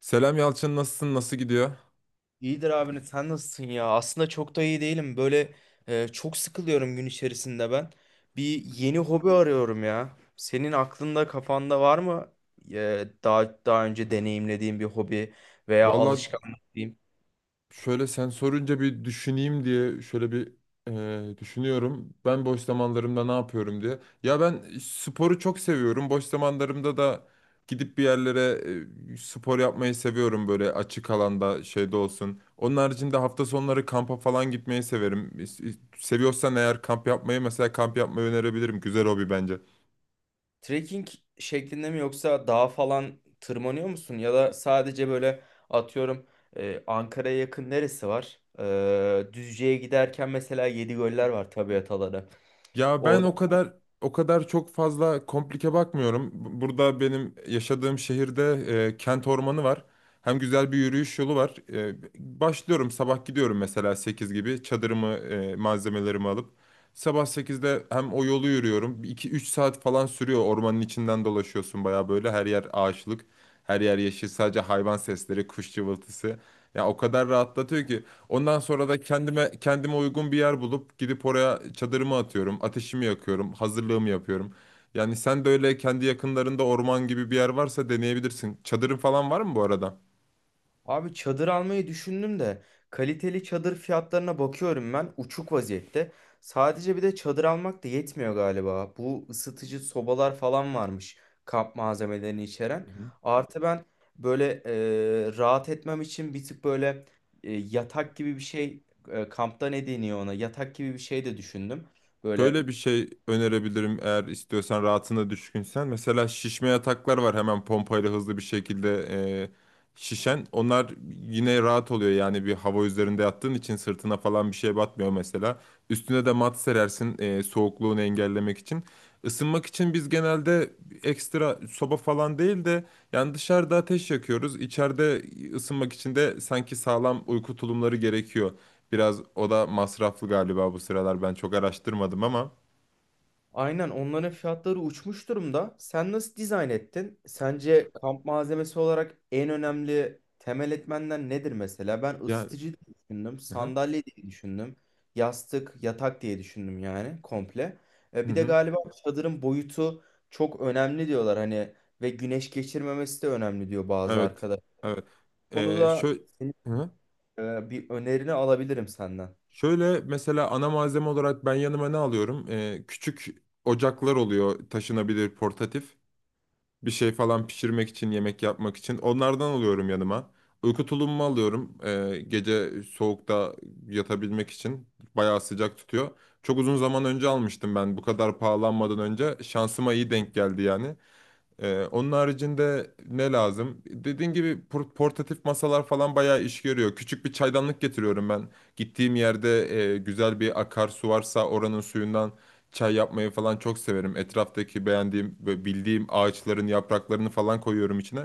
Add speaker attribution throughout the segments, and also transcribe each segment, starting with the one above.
Speaker 1: Selam Yalçın, nasılsın, nasıl gidiyor?
Speaker 2: İyidir abi, sen nasılsın ya? Aslında çok da iyi değilim. Böyle çok sıkılıyorum gün içerisinde ben. Bir yeni hobi arıyorum ya. Senin aklında kafanda var mı daha önce deneyimlediğin bir hobi veya
Speaker 1: Valla
Speaker 2: alışkanlık diyeyim?
Speaker 1: şöyle, sen sorunca bir düşüneyim diye şöyle bir düşünüyorum. Ben boş zamanlarımda ne yapıyorum diye. Ya ben sporu çok seviyorum. Boş zamanlarımda da gidip bir yerlere spor yapmayı seviyorum, böyle açık alanda şeyde olsun. Onun haricinde hafta sonları kampa falan gitmeyi severim. Seviyorsan eğer kamp yapmayı, mesela kamp yapmayı önerebilirim. Güzel hobi bence.
Speaker 2: Trekking şeklinde mi yoksa dağ falan tırmanıyor musun? Ya da sadece böyle atıyorum, Ankara'ya yakın neresi var? Düzce'ye giderken mesela Yedigöller var, tabiat alanı.
Speaker 1: Ya ben o kadar çok fazla komplike bakmıyorum. Burada benim yaşadığım şehirde kent ormanı var. Hem güzel bir yürüyüş yolu var. Başlıyorum, sabah gidiyorum mesela 8 gibi çadırımı, malzemelerimi alıp sabah sekizde hem o yolu yürüyorum. 2 üç saat falan sürüyor. Ormanın içinden dolaşıyorsun, baya böyle her yer ağaçlık, her yer yeşil, sadece hayvan sesleri, kuş cıvıltısı. Ya o kadar rahatlatıyor ki ondan sonra da kendime uygun bir yer bulup gidip oraya çadırımı atıyorum, ateşimi yakıyorum, hazırlığımı yapıyorum. Yani sen de öyle kendi yakınlarında orman gibi bir yer varsa deneyebilirsin. Çadırın falan var mı bu arada?
Speaker 2: Abi çadır almayı düşündüm de kaliteli çadır fiyatlarına bakıyorum, ben uçuk vaziyette. Sadece bir de çadır almak da yetmiyor galiba. Bu ısıtıcı sobalar falan varmış kamp malzemelerini içeren. Artı ben böyle rahat etmem için bir tık böyle yatak gibi bir şey, kampta ne deniyor ona, yatak gibi bir şey de düşündüm. Böyle
Speaker 1: Şöyle bir şey önerebilirim, eğer istiyorsan, rahatına düşkünsen. Mesela şişme yataklar var, hemen pompayla hızlı bir şekilde e, şişen. Onlar yine rahat oluyor, yani bir hava üzerinde yattığın için sırtına falan bir şey batmıyor mesela. Üstüne de mat serersin soğukluğunu engellemek için. Isınmak için biz genelde ekstra soba falan değil de yani dışarıda ateş yakıyoruz. İçeride ısınmak için de sanki sağlam uyku tulumları gerekiyor. Biraz o da masraflı galiba bu sıralar. Ben çok araştırmadım ama.
Speaker 2: aynen onların fiyatları uçmuş durumda. Sen nasıl dizayn ettin? Sence kamp malzemesi olarak en önemli temel etmenler nedir mesela? Ben
Speaker 1: Ya,
Speaker 2: ısıtıcı diye düşündüm,
Speaker 1: hı hı.
Speaker 2: sandalye diye düşündüm, yastık, yatak diye düşündüm yani komple.
Speaker 1: Hı
Speaker 2: Bir de
Speaker 1: hı.
Speaker 2: galiba çadırın boyutu çok önemli diyorlar hani, ve güneş geçirmemesi de önemli diyor bazı
Speaker 1: Evet.
Speaker 2: arkadaş.
Speaker 1: Evet.
Speaker 2: Bu konuda
Speaker 1: Şö
Speaker 2: senin
Speaker 1: Hı hı.
Speaker 2: bir önerini alabilirim senden.
Speaker 1: Şöyle mesela, ana malzeme olarak ben yanıma ne alıyorum? Küçük ocaklar oluyor, taşınabilir, portatif. Bir şey falan pişirmek için, yemek yapmak için. Onlardan alıyorum yanıma. Uyku tulumumu alıyorum. Gece soğukta yatabilmek için. Bayağı sıcak tutuyor. Çok uzun zaman önce almıştım ben. Bu kadar pahalanmadan önce. Şansıma iyi denk geldi yani. Onun haricinde ne lazım? Dediğin gibi portatif masalar falan bayağı iş görüyor. Küçük bir çaydanlık getiriyorum ben. Gittiğim yerde güzel bir akarsu varsa oranın suyundan çay yapmayı falan çok severim. Etraftaki beğendiğim ve bildiğim ağaçların yapraklarını falan koyuyorum içine.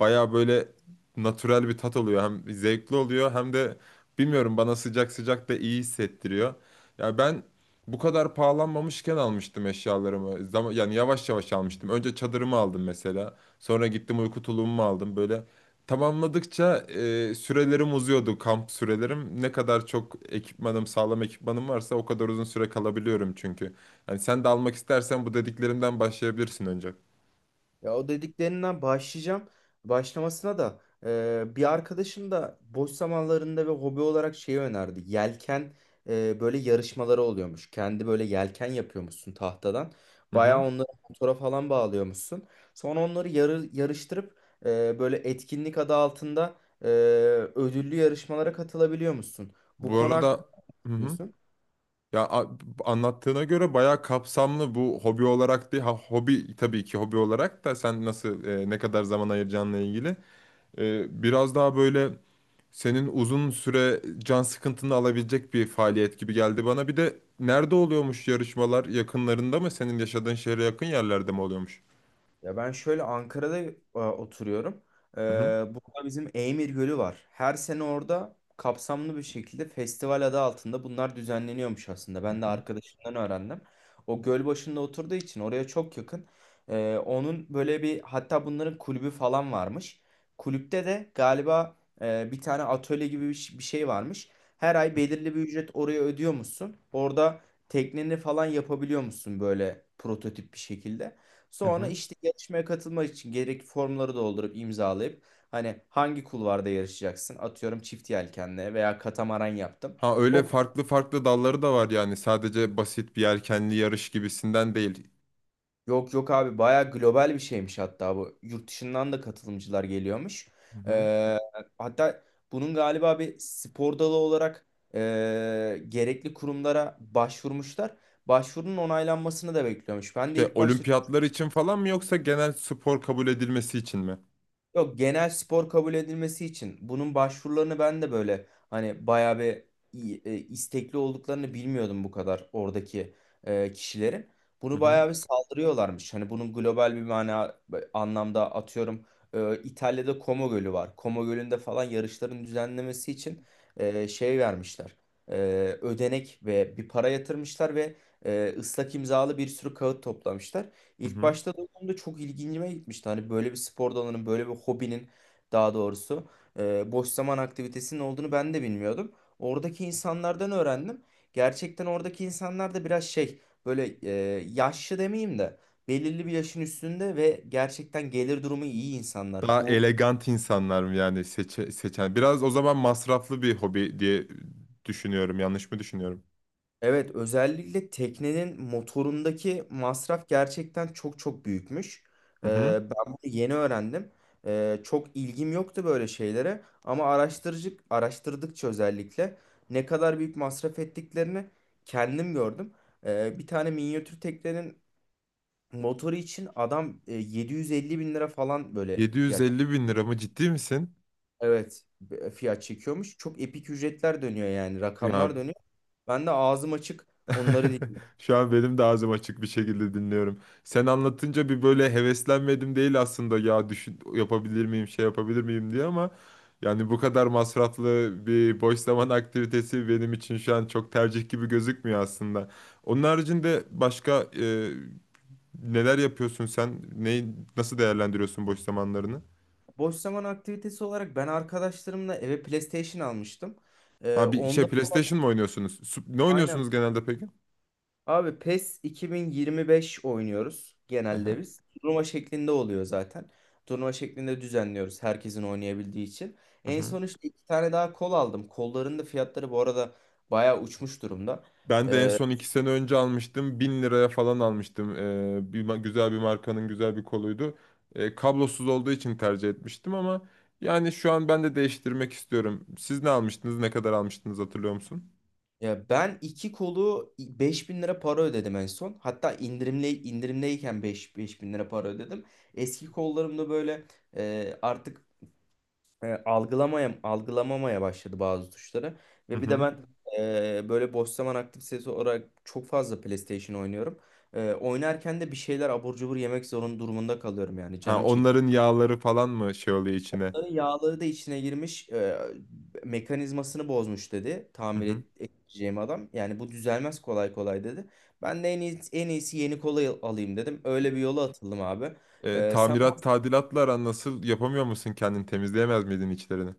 Speaker 1: Bayağı böyle natürel bir tat oluyor. Hem zevkli oluyor hem de bilmiyorum, bana sıcak sıcak da iyi hissettiriyor. Ya ben bu kadar pahalanmamışken almıştım eşyalarımı. Zaman, yani yavaş yavaş almıştım. Önce çadırımı aldım mesela. Sonra gittim uyku tulumumu aldım. Böyle tamamladıkça sürelerim uzuyordu, kamp sürelerim. Ne kadar çok ekipmanım, sağlam ekipmanım varsa o kadar uzun süre kalabiliyorum çünkü. Yani sen de almak istersen bu dediklerimden başlayabilirsin önce.
Speaker 2: Ya o dediklerinden başlayacağım. Başlamasına da bir arkadaşım da boş zamanlarında ve hobi olarak şeyi önerdi. Yelken, böyle yarışmaları oluyormuş. Kendi böyle yelken yapıyormuşsun tahtadan.
Speaker 1: Hı
Speaker 2: Bayağı
Speaker 1: hı.
Speaker 2: onları motora falan bağlıyormuşsun. Sonra onları yarıştırıp böyle etkinlik adı altında, e, ödüllü yarışmalara katılabiliyormuşsun. Bu
Speaker 1: Bu
Speaker 2: konu
Speaker 1: arada
Speaker 2: hakkında ne
Speaker 1: hı hı.
Speaker 2: düşünüyorsun?
Speaker 1: Ya a- Anlattığına göre bayağı kapsamlı, bu hobi olarak değil. Ha, hobi tabii ki, hobi olarak da sen nasıl, ne kadar zaman ayıracağınla ilgili. Biraz daha böyle senin uzun süre can sıkıntını alabilecek bir faaliyet gibi geldi bana. Bir de nerede oluyormuş yarışmalar? Yakınlarında mı? Senin yaşadığın şehre yakın yerlerde mi oluyormuş?
Speaker 2: Ya ben şöyle Ankara'da oturuyorum. Ee,
Speaker 1: Hı hı.
Speaker 2: burada bizim Eymir Gölü var. Her sene orada kapsamlı bir şekilde festival adı altında bunlar düzenleniyormuş aslında.
Speaker 1: Hı
Speaker 2: Ben de
Speaker 1: hı.
Speaker 2: arkadaşımdan öğrendim. O göl başında oturduğu için oraya çok yakın. Onun böyle bir, hatta bunların kulübü falan varmış. Kulüpte de galiba bir tane atölye gibi bir şey varmış. Her ay belirli bir ücret oraya ödüyormuşsun. Orada tekneni falan yapabiliyormuşsun böyle prototip bir şekilde.
Speaker 1: Hı
Speaker 2: Sonra
Speaker 1: hı.
Speaker 2: işte yarışmaya katılmak için gerekli formları doldurup imzalayıp hani hangi kulvarda yarışacaksın? Atıyorum çift yelkenle veya katamaran yaptım.
Speaker 1: Ha, öyle
Speaker 2: O kul-
Speaker 1: farklı farklı dalları da var yani. Sadece basit bir yelkenli yarış gibisinden değil.
Speaker 2: Yok yok abi, bayağı global bir şeymiş hatta bu. Yurt dışından da katılımcılar geliyormuş. Ee, hatta bunun galiba bir spor dalı olarak gerekli kurumlara başvurmuşlar. Başvurunun onaylanmasını da bekliyormuş. Ben de
Speaker 1: Şey,
Speaker 2: ilk başta
Speaker 1: olimpiyatlar için falan mı, yoksa genel spor kabul edilmesi için mi?
Speaker 2: yok, genel spor kabul edilmesi için bunun başvurularını, ben de böyle hani bayağı bir istekli olduklarını bilmiyordum, bu kadar oradaki kişilerin.
Speaker 1: Hı
Speaker 2: Bunu
Speaker 1: hı.
Speaker 2: bayağı bir saldırıyorlarmış. Hani bunun global bir mana, anlamda, atıyorum İtalya'da Como Gölü var. Como Gölü'nde falan yarışların düzenlemesi için şey vermişler. E, ödenek ve bir para yatırmışlar ve ıslak imzalı bir sürü kağıt toplamışlar.
Speaker 1: Hı
Speaker 2: İlk
Speaker 1: hı.
Speaker 2: başta duyduğumda çok ilgincime gitmişti. Hani böyle bir spor dalının, böyle bir hobinin daha doğrusu boş zaman aktivitesinin olduğunu ben de bilmiyordum. Oradaki insanlardan öğrendim. Gerçekten oradaki insanlar da biraz şey, böyle yaşlı demeyeyim de belirli bir yaşın üstünde ve gerçekten gelir durumu iyi insanlar.
Speaker 1: Daha
Speaker 2: Bu
Speaker 1: elegant insanlar mı yani seçen? Biraz o zaman masraflı bir hobi diye düşünüyorum. Yanlış mı düşünüyorum?
Speaker 2: evet, özellikle teknenin motorundaki masraf gerçekten çok çok büyükmüş.
Speaker 1: Hı
Speaker 2: Ee,
Speaker 1: hı.
Speaker 2: ben bunu yeni öğrendim. Çok ilgim yoktu böyle şeylere ama araştırıcı araştırdıkça özellikle ne kadar büyük masraf ettiklerini kendim gördüm. Bir tane minyatür teknenin motoru için adam 750 bin lira falan böyle fiyat.
Speaker 1: 750 bin lira mı, ciddi misin?
Speaker 2: Evet, fiyat çekiyormuş. Çok epik ücretler dönüyor yani,
Speaker 1: Ya
Speaker 2: rakamlar dönüyor. Ben de ağzım açık onları
Speaker 1: şu an benim de ağzım açık bir şekilde dinliyorum. Sen anlatınca bir böyle heveslenmedim değil aslında, ya düşün, yapabilir miyim, şey yapabilir miyim diye, ama yani bu kadar masraflı bir boş zaman aktivitesi benim için şu an çok tercih gibi gözükmüyor aslında. Onun haricinde başka neler yapıyorsun sen? Neyi nasıl değerlendiriyorsun boş zamanlarını?
Speaker 2: boş zaman aktivitesi olarak ben arkadaşlarımla eve PlayStation almıştım.
Speaker 1: Ha bir şey,
Speaker 2: Onda
Speaker 1: PlayStation mı oynuyorsunuz? Ne
Speaker 2: aynen
Speaker 1: oynuyorsunuz genelde peki?
Speaker 2: abi PES 2025 oynuyoruz
Speaker 1: Hı
Speaker 2: genelde
Speaker 1: hı.
Speaker 2: biz. Turnuva şeklinde oluyor zaten. Turnuva şeklinde düzenliyoruz herkesin oynayabildiği için.
Speaker 1: Hı
Speaker 2: En
Speaker 1: hı.
Speaker 2: son işte iki tane daha kol aldım. Kolların da fiyatları bu arada bayağı uçmuş durumda.
Speaker 1: Ben de en
Speaker 2: Ee,
Speaker 1: son iki sene önce almıştım. Bin liraya falan almıştım. Bir, güzel bir markanın güzel bir koluydu. Kablosuz olduğu için tercih etmiştim, ama yani şu an ben de değiştirmek istiyorum. Siz ne almıştınız? Ne kadar almıştınız, hatırlıyor musun?
Speaker 2: ya ben iki kolu 5000 lira para ödedim en son. Hatta indirimdeyken 5 bin lira para ödedim. Eski kollarımda böyle e, artık algılamamaya başladı bazı tuşları.
Speaker 1: Hı
Speaker 2: Ve bir de
Speaker 1: hı.
Speaker 2: ben böyle boş zaman aktivitesi olarak çok fazla PlayStation oynuyorum. Oynarken de bir şeyler abur cubur yemek zorun durumunda kalıyorum yani,
Speaker 1: Ha,
Speaker 2: canım çekiyor.
Speaker 1: onların yağları falan mı şey oluyor içine?
Speaker 2: Bunların yağları da içine girmiş, mekanizmasını bozmuş dedi,
Speaker 1: Hı
Speaker 2: tamir
Speaker 1: hı.
Speaker 2: edeceğim adam. Yani bu düzelmez kolay kolay dedi. Ben de en iyisi yeni kola alayım dedim. Öyle bir yola atıldım abi. E, sen
Speaker 1: Tamirat tadilatla aran nasıl? Yapamıyor musun kendini? Temizleyemez miydin içlerini?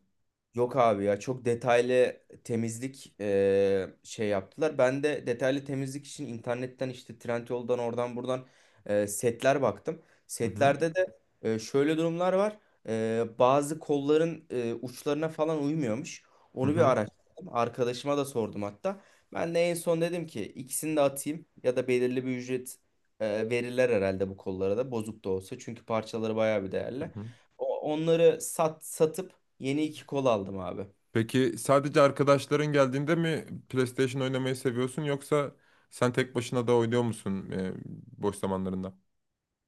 Speaker 2: Yok abi ya, çok detaylı temizlik şey yaptılar. Ben de detaylı temizlik için internetten işte Trendyol'dan, oradan buradan setler baktım.
Speaker 1: Hı hı.
Speaker 2: Setlerde de şöyle durumlar var. Bazı kolların uçlarına falan uymuyormuş.
Speaker 1: Hı
Speaker 2: Onu bir
Speaker 1: hı.
Speaker 2: araştırdım. Arkadaşıma da sordum hatta. Ben de en son dedim ki, ikisini de atayım ya da belirli bir ücret verirler herhalde bu kollara da, bozuk da olsa. Çünkü parçaları bayağı bir
Speaker 1: Hı
Speaker 2: değerli.
Speaker 1: hı.
Speaker 2: Onları satıp yeni iki kol aldım abi.
Speaker 1: Peki sadece arkadaşların geldiğinde mi PlayStation oynamayı seviyorsun, yoksa sen tek başına da oynuyor musun boş zamanlarında?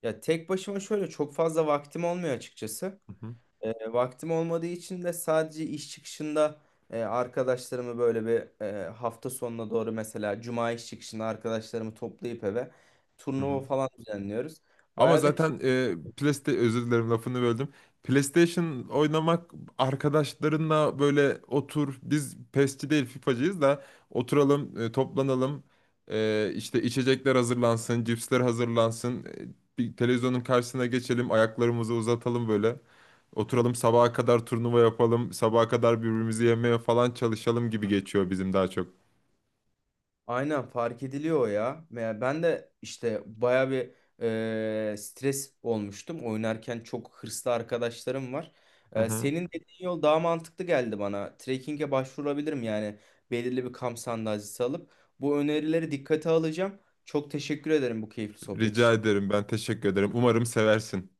Speaker 2: Ya tek başıma şöyle çok fazla vaktim olmuyor açıkçası.
Speaker 1: Hı hı,
Speaker 2: Vaktim olmadığı için de sadece iş çıkışında arkadaşlarımı böyle bir, hafta sonuna doğru mesela cuma iş çıkışında arkadaşlarımı toplayıp eve
Speaker 1: hı hı.
Speaker 2: turnuva falan düzenliyoruz.
Speaker 1: Ama
Speaker 2: Bayağı da
Speaker 1: zaten
Speaker 2: keyifli,
Speaker 1: PlayStation, özür dilerim, lafını böldüm. PlayStation oynamak arkadaşlarınla, böyle otur, biz PES'çi değil FIFA'cıyız da oturalım, toplanalım, işte içecekler hazırlansın, cipsler hazırlansın, bir televizyonun karşısına geçelim, ayaklarımızı uzatalım böyle. Oturalım sabaha kadar turnuva yapalım, sabaha kadar birbirimizi yemeye falan çalışalım gibi geçiyor bizim daha çok.
Speaker 2: aynen fark ediliyor o ya. Ve ben de işte baya bir stres olmuştum. Oynarken çok hırslı arkadaşlarım var.
Speaker 1: Hı hı.
Speaker 2: Senin dediğin yol daha mantıklı geldi bana. Trekking'e başvurabilirim yani, belirli bir kamp sandalyesi alıp. Bu önerileri dikkate alacağım. Çok teşekkür ederim bu keyifli sohbet
Speaker 1: Rica
Speaker 2: için.
Speaker 1: ederim, ben teşekkür ederim. Umarım seversin.